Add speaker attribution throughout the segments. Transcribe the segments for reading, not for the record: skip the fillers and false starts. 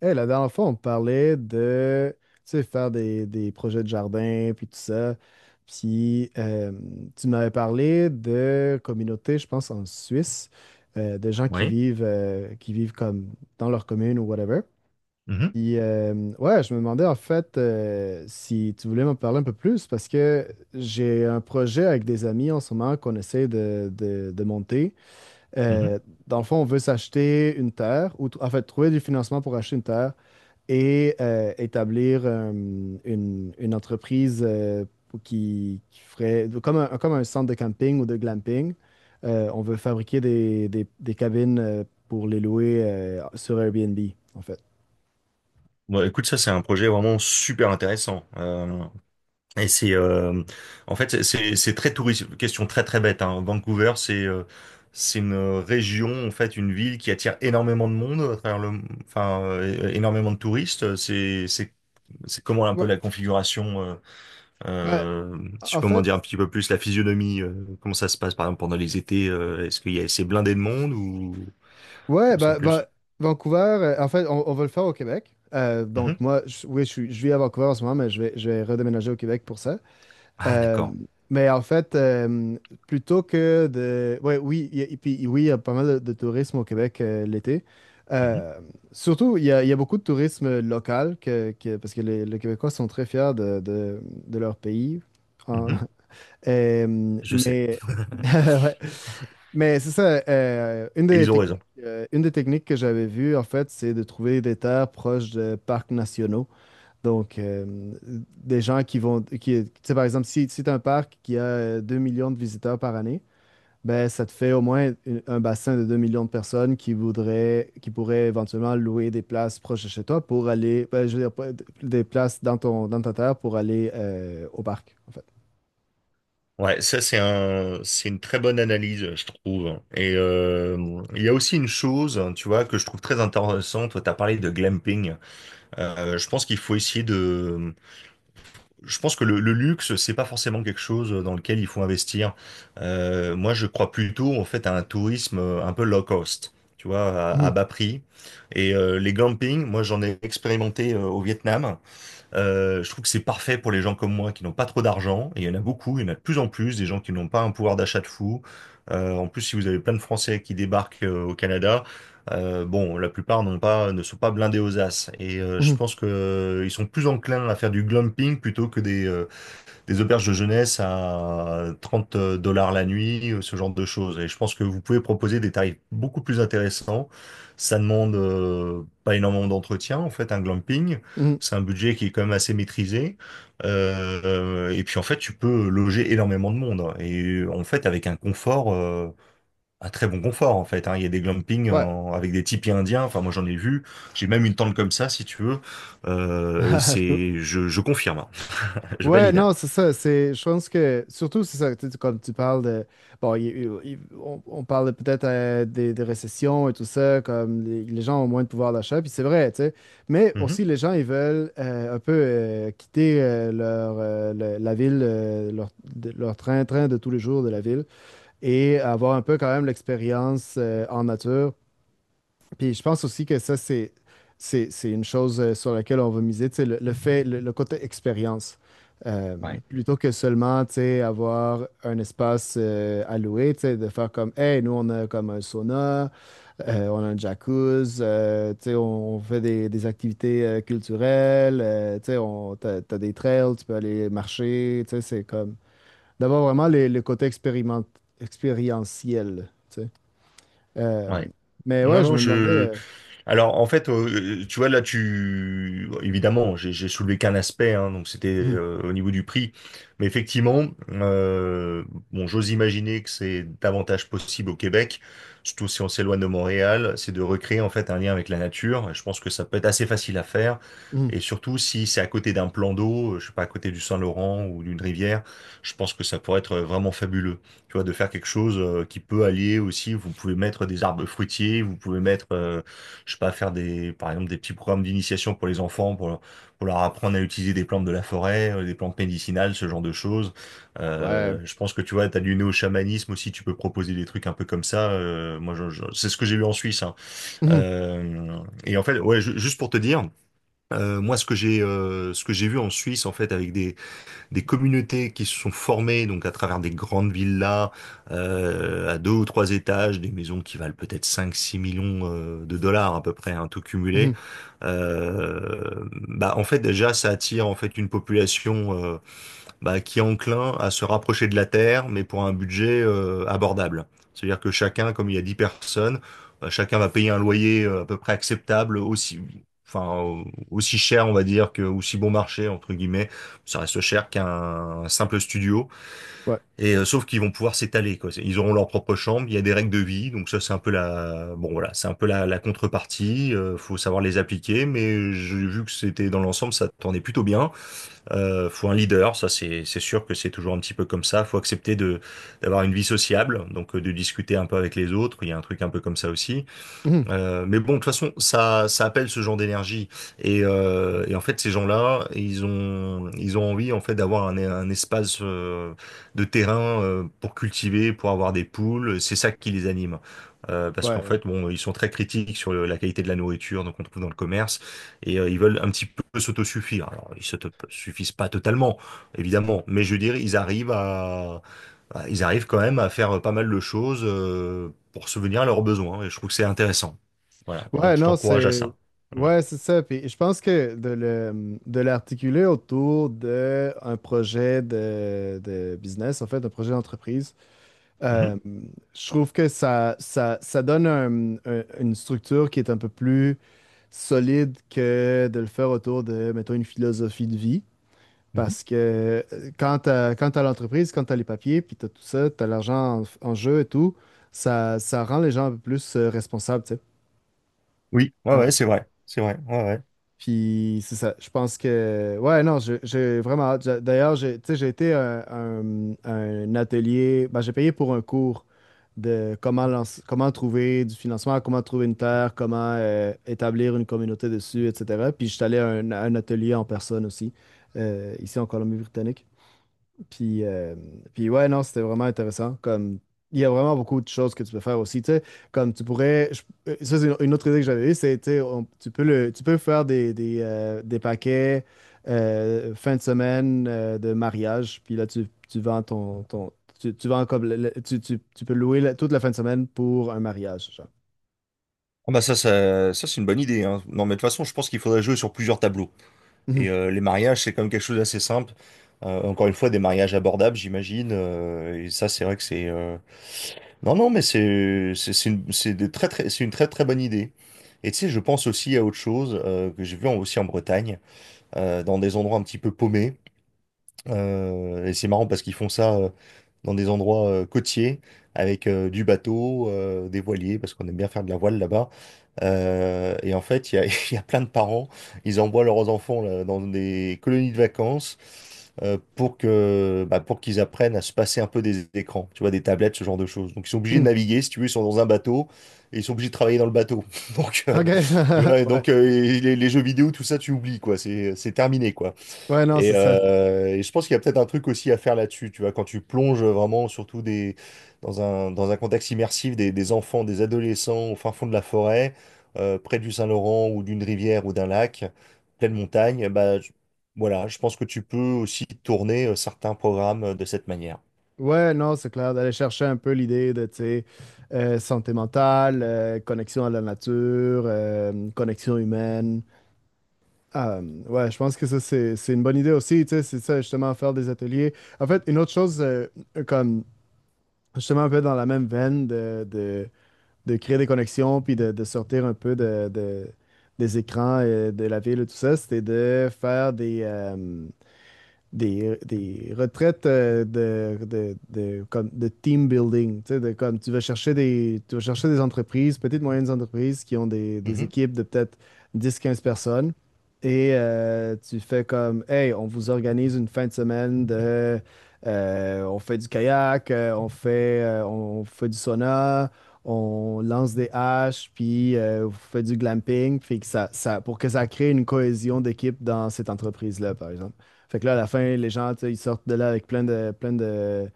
Speaker 1: La dernière fois, on parlait de, tu sais, faire des projets de jardin, puis tout ça. Puis, euh, Tu m'avais parlé de communautés, je pense, en Suisse, de gens
Speaker 2: Oui.
Speaker 1: qui vivent comme dans leur commune ou whatever.
Speaker 2: Mhm,
Speaker 1: Ouais, je me demandais en fait si tu voulais m'en parler un peu plus, parce que j'ai un projet avec des amis en ce moment qu'on essaie de monter.
Speaker 2: mhm.
Speaker 1: Euh, Dans le fond, on veut s'acheter une terre, en fait, trouver du financement pour acheter une terre et établir une entreprise qui ferait comme un centre de camping ou de glamping. On veut fabriquer des, des cabines pour les louer sur Airbnb, en fait.
Speaker 2: Bon, écoute, ça, c'est un projet vraiment super intéressant. Et c'est, en fait, c'est très touristique. Question très très bête. Hein. Vancouver, c'est une région, en fait, une ville qui attire énormément de monde à travers le, enfin, énormément de touristes. C'est comment un peu
Speaker 1: Ouais,
Speaker 2: la configuration.
Speaker 1: ben,
Speaker 2: Euh, si je
Speaker 1: en
Speaker 2: peux m'en
Speaker 1: fait,
Speaker 2: dire un petit peu plus la physionomie. Comment ça se passe, par exemple, pendant les étés. Est-ce qu'il y a assez blindé de monde ou
Speaker 1: ouais,
Speaker 2: sans plus?
Speaker 1: Vancouver, en fait, on va le faire au Québec. Donc,
Speaker 2: Mhm.
Speaker 1: moi, oui, je vis à Vancouver en ce moment, mais je vais redéménager au Québec pour ça.
Speaker 2: Ah,
Speaker 1: Euh,
Speaker 2: d'accord.
Speaker 1: mais en fait, plutôt que de... Ouais, oui, il y a, et puis oui, il y a pas mal de tourisme au Québec l'été.
Speaker 2: Mhm,
Speaker 1: Euh, Surtout, il y a beaucoup de tourisme local, parce que les Québécois sont très fiers de, de leur pays. En-
Speaker 2: mhm. Je sais.
Speaker 1: Mais ouais. Mais c'est ça,
Speaker 2: Et ils ont raison.
Speaker 1: une des techniques que j'avais vues, en fait, c'est de trouver des terres proches de parcs nationaux. Donc, euh, des gens qui vont, qui, tu sais, par exemple, si, si tu un parc qui a 2 millions de visiteurs par année, ben, ça te fait au moins un bassin de 2 millions de personnes qui voudraient, qui pourraient éventuellement louer des places proches de chez toi pour aller, ben, je veux dire, pas- des places dans ton, dans ta terre pour aller au parc, en fait.
Speaker 2: Ouais, ça c'est une très bonne analyse, je trouve. Et il y a aussi une chose, hein, tu vois, que je trouve très intéressante. Toi, t'as parlé de glamping. Je pense qu'il faut essayer de. Je pense que le luxe, c'est pas forcément quelque chose dans lequel il faut investir. Moi, je crois plutôt en fait à un tourisme un peu low cost. Tu vois, à
Speaker 1: Mhm,
Speaker 2: bas prix. Et les glamping, moi j'en ai expérimenté au Vietnam. Je trouve que c'est parfait pour les gens comme moi qui n'ont pas trop d'argent. Et il y en a beaucoup, il y en a de plus en plus, des gens qui n'ont pas un pouvoir d'achat de fou. En plus, si vous avez plein de Français qui débarquent au Canada, bon, la plupart n'ont pas, ne sont pas blindés aux as. Et je
Speaker 1: mhm,
Speaker 2: pense que ils sont plus enclins à faire du glumping plutôt que des auberges de jeunesse à 30 $ la nuit, ce genre de choses. Et je pense que vous pouvez proposer des tarifs beaucoup plus intéressants. Ça demande pas énormément d'entretien, en fait, un glamping.
Speaker 1: mhm.
Speaker 2: C'est un budget qui est quand même assez maîtrisé. Et puis, en fait, tu peux loger énormément de monde. Et en fait, avec un très bon confort, en fait. Hein. Il y a des glampings
Speaker 1: Ouais.
Speaker 2: avec des tipis indiens. Enfin, moi, j'en ai vu. J'ai même une tente comme ça, si tu veux. Euh, et c'est, je, je confirme, hein. Je
Speaker 1: Ouais,
Speaker 2: valide.
Speaker 1: non, c'est ça. C'est, je pense que, surtout, c'est ça, tu sais, comme tu parles de, bon, on parle de peut-être des récessions et tout ça, comme les gens ont moins de pouvoir d'achat, puis c'est vrai, tu sais. Mais
Speaker 2: Mhm.
Speaker 1: aussi, les gens, ils veulent un peu quitter leur, la ville, leur, leur train-train de tous les jours de la ville et avoir un peu quand même l'expérience en nature. Puis je pense aussi que ça, c'est une chose sur laquelle on va miser, tu sais, le fait, le côté expérience. Euh,
Speaker 2: Ouais.
Speaker 1: Plutôt que seulement, tu sais, avoir un espace alloué, tu sais, de faire comme, hey, nous, on a comme un sauna, on a un jacuzzi, tu sais, on fait des activités culturelles, tu sais, on, t'as, t'as des trails, tu peux aller marcher, tu sais, c'est comme d'avoir vraiment le côté expériment, expérientiel, tu sais. Euh,
Speaker 2: Ouais.
Speaker 1: mais
Speaker 2: Non,
Speaker 1: ouais, je
Speaker 2: non,
Speaker 1: me demandais...
Speaker 2: alors, en fait, tu vois, là, évidemment, j'ai soulevé qu'un aspect, hein, donc c'était
Speaker 1: euh,
Speaker 2: au niveau du prix. Mais effectivement, bon, j'ose imaginer que c'est davantage possible au Québec, surtout si on s'éloigne de Montréal, c'est de recréer, en fait, un lien avec la nature. Et je pense que ça peut être assez facile à faire.
Speaker 1: Mmh.
Speaker 2: Et surtout, si c'est à côté d'un plan d'eau, je sais pas, à côté du Saint-Laurent ou d'une rivière, je pense que ça pourrait être vraiment fabuleux. Tu vois, de faire quelque chose qui peut allier aussi, vous pouvez mettre des arbres fruitiers, vous pouvez mettre, je sais pas, faire des, par exemple, des petits programmes d'initiation pour les enfants, pour leur apprendre à utiliser des plantes de la forêt, des plantes médicinales, ce genre de choses.
Speaker 1: Ouais.
Speaker 2: Je pense que tu vois, t'as du néo-chamanisme aussi, tu peux proposer des trucs un peu comme ça. Moi, c'est ce que j'ai eu en Suisse. Hein.
Speaker 1: Mmh.
Speaker 2: Euh, et en fait, ouais, juste pour te dire, moi, ce que j'ai vu en Suisse, en fait, avec des communautés qui se sont formées donc à travers des grandes villas à 2 ou 3 étages, des maisons qui valent peut-être 5 6 millions de dollars à peu près, hein, tout
Speaker 1: Mmh.
Speaker 2: cumulé. Bah en fait déjà ça attire en fait une population bah, qui est enclin à se rapprocher de la Terre, mais pour un budget abordable. C'est-à-dire que chacun, comme il y a 10 personnes, bah, chacun va payer un loyer à peu près acceptable, aussi, enfin, aussi cher, on va dire, que, aussi bon marché, entre guillemets, ça reste cher qu'un simple studio.
Speaker 1: Ouais.
Speaker 2: Et sauf qu'ils vont pouvoir s'étaler, quoi. Ils auront leur propre chambre, il y a des règles de vie, donc ça, c'est un peu la, bon, voilà, c'est un peu la, la contrepartie, faut savoir les appliquer, mais j'ai vu que c'était dans l'ensemble, ça tournait plutôt bien. Faut un leader, ça c'est sûr que c'est toujours un petit peu comme ça. Faut accepter de d'avoir une vie sociable, donc de discuter un peu avec les autres. Il y a un truc un peu comme ça aussi.
Speaker 1: Mmh.
Speaker 2: Mais bon, de toute façon, ça appelle ce genre d'énergie. Et en fait, ces gens-là, ils ont envie en fait d'avoir un espace de terrain pour cultiver, pour avoir des poules. C'est ça qui les anime. Parce
Speaker 1: Ouais,
Speaker 2: qu'en
Speaker 1: ouais.
Speaker 2: fait, bon, ils sont très critiques sur la qualité de la nourriture, donc on trouve dans le commerce, et ils veulent un petit peu s'autosuffire. Alors, ils s'autosuffisent pas totalement, évidemment, mais je veux dire, ils arrivent quand même à faire pas mal de choses pour se venir à leurs besoins, et je trouve que c'est intéressant. Voilà.
Speaker 1: Ouais,
Speaker 2: Donc, je
Speaker 1: non,
Speaker 2: t'encourage à
Speaker 1: c'est.
Speaker 2: ça. Voilà.
Speaker 1: Ouais, c'est ça. Puis je pense que de le, de l'articuler autour d'un projet de business, en fait, un projet d'entreprise,
Speaker 2: Mhm.
Speaker 1: euh, je trouve que ça donne un- une structure qui est un peu plus solide que de le faire autour de, mettons, une philosophie de vie.
Speaker 2: Mhm.
Speaker 1: Parce que quand t'as l'entreprise, quand tu as les papiers, puis tu as tout ça, tu as l'argent en, en jeu et tout, ça rend les gens un peu plus responsables, tu sais.
Speaker 2: Oui, ouais,
Speaker 1: Euh,
Speaker 2: ouais, c'est vrai. C'est vrai. Ouais, ouais.
Speaker 1: Puis c'est ça, je pense que... Ouais, non, j'ai vraiment hâte. J'a- D'ailleurs, j'ai, tu sais, j'ai été à un atelier, ben, j'ai payé pour un cours de comment, lancer- comment trouver du financement, comment trouver une terre, comment établir une communauté dessus, etc. Puis je suis allé à un atelier en personne aussi, ici en Colombie-Britannique. Puis, euh, Puis ouais, non, c'était vraiment intéressant. Comme, il y a vraiment beaucoup de choses que tu peux faire aussi, tu sais, comme tu pourrais. Je- ça, c'est une autre idée que j'avais eue, c'est tu sais, on- tu peux le, tu peux faire des paquets fin de semaine de mariage. Puis là, tu vends ton, ton tu, tu vends comme tu, tu, tu peux louer la- toute la fin de semaine pour un mariage, genre.
Speaker 2: Ah bah ça, ça, ça, c'est une bonne idée. Hein. Non, mais de toute façon, je pense qu'il faudrait jouer sur plusieurs tableaux.
Speaker 1: Mhm.
Speaker 2: Et les mariages, c'est quand même quelque chose d'assez simple. Encore une fois, des mariages abordables, j'imagine. Et ça, c'est vrai que c'est. Non, non, mais c'est c'est une très, très bonne idée. Et tu sais, je pense aussi à autre chose que j'ai vu aussi en Bretagne, dans des endroits un petit peu paumés. Et c'est marrant parce qu'ils font ça dans des endroits côtiers avec du bateau, des voiliers, parce qu'on aime bien faire de la voile là-bas. Et en fait, il y a, il y a plein de parents, ils envoient leurs enfants là, dans des colonies de vacances pour que, bah, pour qu'ils apprennent à se passer un peu des écrans, tu vois, des tablettes, ce genre de choses. Donc ils sont obligés de
Speaker 1: Mhm.
Speaker 2: naviguer, si tu veux, ils sont dans un bateau et ils sont obligés de travailler dans le bateau. Donc,
Speaker 1: OK.
Speaker 2: tu vois, et
Speaker 1: Ouais.
Speaker 2: donc les jeux vidéo, tout ça, tu oublies, quoi. C'est terminé, quoi.
Speaker 1: Ouais, non,
Speaker 2: Et,
Speaker 1: c'est ça.
Speaker 2: euh, et je pense qu'il y a peut-être un truc aussi à faire là-dessus, tu vois, quand tu plonges vraiment, surtout dans un contexte immersif, des enfants, des adolescents au fin fond de la forêt, près du Saint-Laurent ou d'une rivière ou d'un lac, pleine montagne, bah, voilà, je pense que tu peux aussi tourner certains programmes de cette manière.
Speaker 1: Ouais, non, c'est clair, d'aller chercher un peu l'idée de, tu sais, santé mentale, connexion à la nature, connexion humaine. Ah, ouais, je pense que ça, c'est une bonne idée aussi, tu sais, c'est ça, justement, faire des ateliers. En fait, une autre chose, comme, justement, un peu dans la même veine de créer des connexions, puis de sortir un peu de, des écrans, de la ville et tout ça, c'était de faire des retraites de, comme, de team building. Tu sais, de, comme tu vas chercher des, tu vas chercher des entreprises, petites, moyennes entreprises qui ont des
Speaker 2: Mhm.
Speaker 1: équipes de peut-être 10 15 personnes. Et tu fais comme, hey, on vous organise une fin de semaine de, on fait du kayak, on fait du sauna, on lance des haches, puis on fait du glamping, puis que ça, pour que ça crée une cohésion d'équipe dans cette entreprise-là, par exemple. Fait que là, à la fin, les gens, tu sais, ils sortent de là avec plein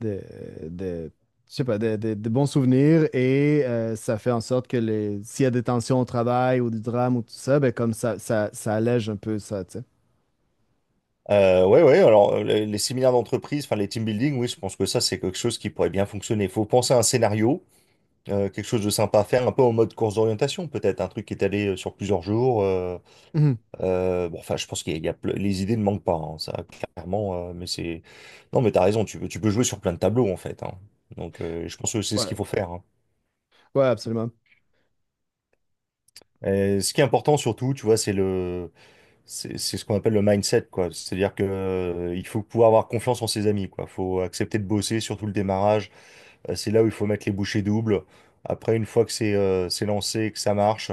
Speaker 1: de, de- je sais pas, de, de bons souvenirs et ça fait en sorte que les, s'il y a des tensions au travail ou du drame ou tout ça, ben comme ça allège un peu ça, tu sais.
Speaker 2: Ouais, ouais, alors les séminaires d'entreprise, enfin les team building, oui, je pense que ça, c'est quelque chose qui pourrait bien fonctionner. Il faut penser à un scénario. Quelque chose de sympa à faire, un peu en mode course d'orientation peut-être, un truc qui est allé sur plusieurs jours.
Speaker 1: Mhm.
Speaker 2: Bon, enfin, je pense qu'il y a, il y a ple- les idées ne manquent pas, hein, ça clairement. Mais c'est non, mais t'as raison, tu peux jouer sur plein de tableaux en fait. Hein. Donc, je pense que c'est ce qu'il
Speaker 1: Ouais,
Speaker 2: faut faire. Hein.
Speaker 1: ouais, absolument.
Speaker 2: Et ce qui est important surtout, tu vois, c'est c'est ce qu'on appelle le mindset, quoi. C'est-à-dire que il faut pouvoir avoir confiance en ses amis, quoi. Faut accepter de bosser, surtout le démarrage. C'est là où il faut mettre les bouchées doubles. Après, une fois que c'est lancé, que ça marche.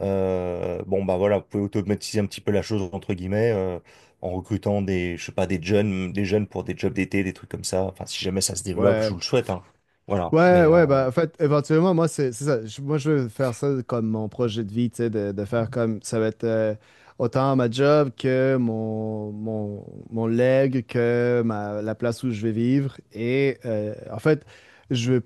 Speaker 2: Bon, bah voilà, vous pouvez automatiser un petit peu la chose, entre guillemets, en recrutant des, je sais pas, des jeunes pour des jobs d'été, des trucs comme ça. Enfin, si jamais ça se développe, je
Speaker 1: Ouais.
Speaker 2: vous le souhaite, hein. Voilà.
Speaker 1: Ouais, ouais, bah, en fait, éventuellement, moi, c'est ça. Je- moi, je veux faire ça comme mon projet de vie, tu sais, de faire comme ça va être autant ma job que mon leg, que ma, la place où je vais vivre. Et en fait, je veux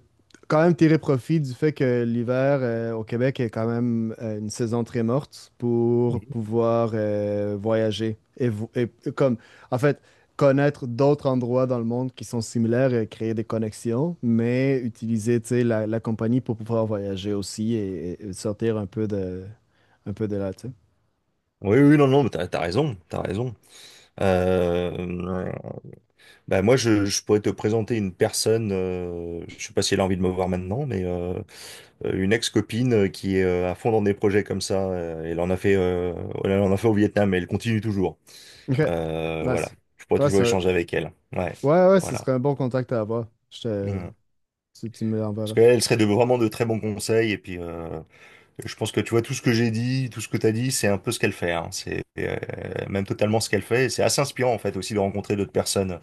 Speaker 1: quand même tirer profit du fait que l'hiver au Québec est quand même une saison très morte pour
Speaker 2: Mhm.
Speaker 1: pouvoir voyager. Et, et comme, en fait, connaître d'autres endroits dans le monde qui sont similaires et créer des connexions, mais utiliser, tu sais, la compagnie pour pouvoir voyager aussi et sortir un peu de là, tu sais.
Speaker 2: Oui, oui, non, non, mais t'as raison, t'as raison. Euh, bah moi, je pourrais te présenter une personne, je sais pas si elle a envie de me voir maintenant, mais une ex-copine qui est à fond dans des projets comme ça. Elle en a fait au Vietnam et elle continue toujours.
Speaker 1: OK.
Speaker 2: Voilà.
Speaker 1: Nice.
Speaker 2: Je pourrais
Speaker 1: Ouais,
Speaker 2: toujours
Speaker 1: ça,
Speaker 2: échanger avec elle. Ouais.
Speaker 1: ouais, ouais, ce
Speaker 2: Voilà.
Speaker 1: serait un bon contact à avoir. Je te,
Speaker 2: Mm.
Speaker 1: tu me
Speaker 2: Parce
Speaker 1: l'enverras.
Speaker 2: qu'elle serait de, vraiment de très bons conseils. Et puis, je pense que tu vois, tout ce que j'ai dit, tout ce que tu as dit, c'est un peu ce qu'elle fait. Hein. C'est même totalement ce qu'elle fait. Et c'est assez inspirant, en fait, aussi de rencontrer d'autres personnes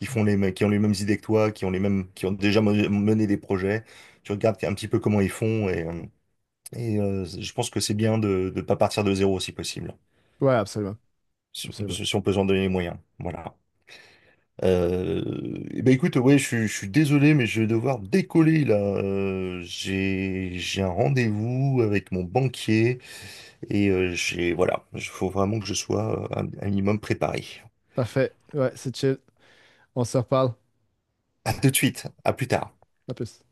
Speaker 2: qui font les qui ont les mêmes idées que toi, qui ont les mêmes, qui ont déjà mené des projets. Tu regardes un petit peu comment ils font. Et je pense que c'est bien de ne pas partir de zéro si possible.
Speaker 1: Ouais, absolument.
Speaker 2: Si on peut,
Speaker 1: Absolument.
Speaker 2: si on peut s'en donner les moyens. Voilà. Euh, eh ben écoute, ouais, je suis désolé, mais je vais devoir décoller là. J'ai un rendez-vous avec mon banquier et voilà, il faut vraiment que je sois un minimum préparé.
Speaker 1: Parfait. Ouais, c'est chill. On se reparle.
Speaker 2: À tout de suite, à plus tard.
Speaker 1: À plus.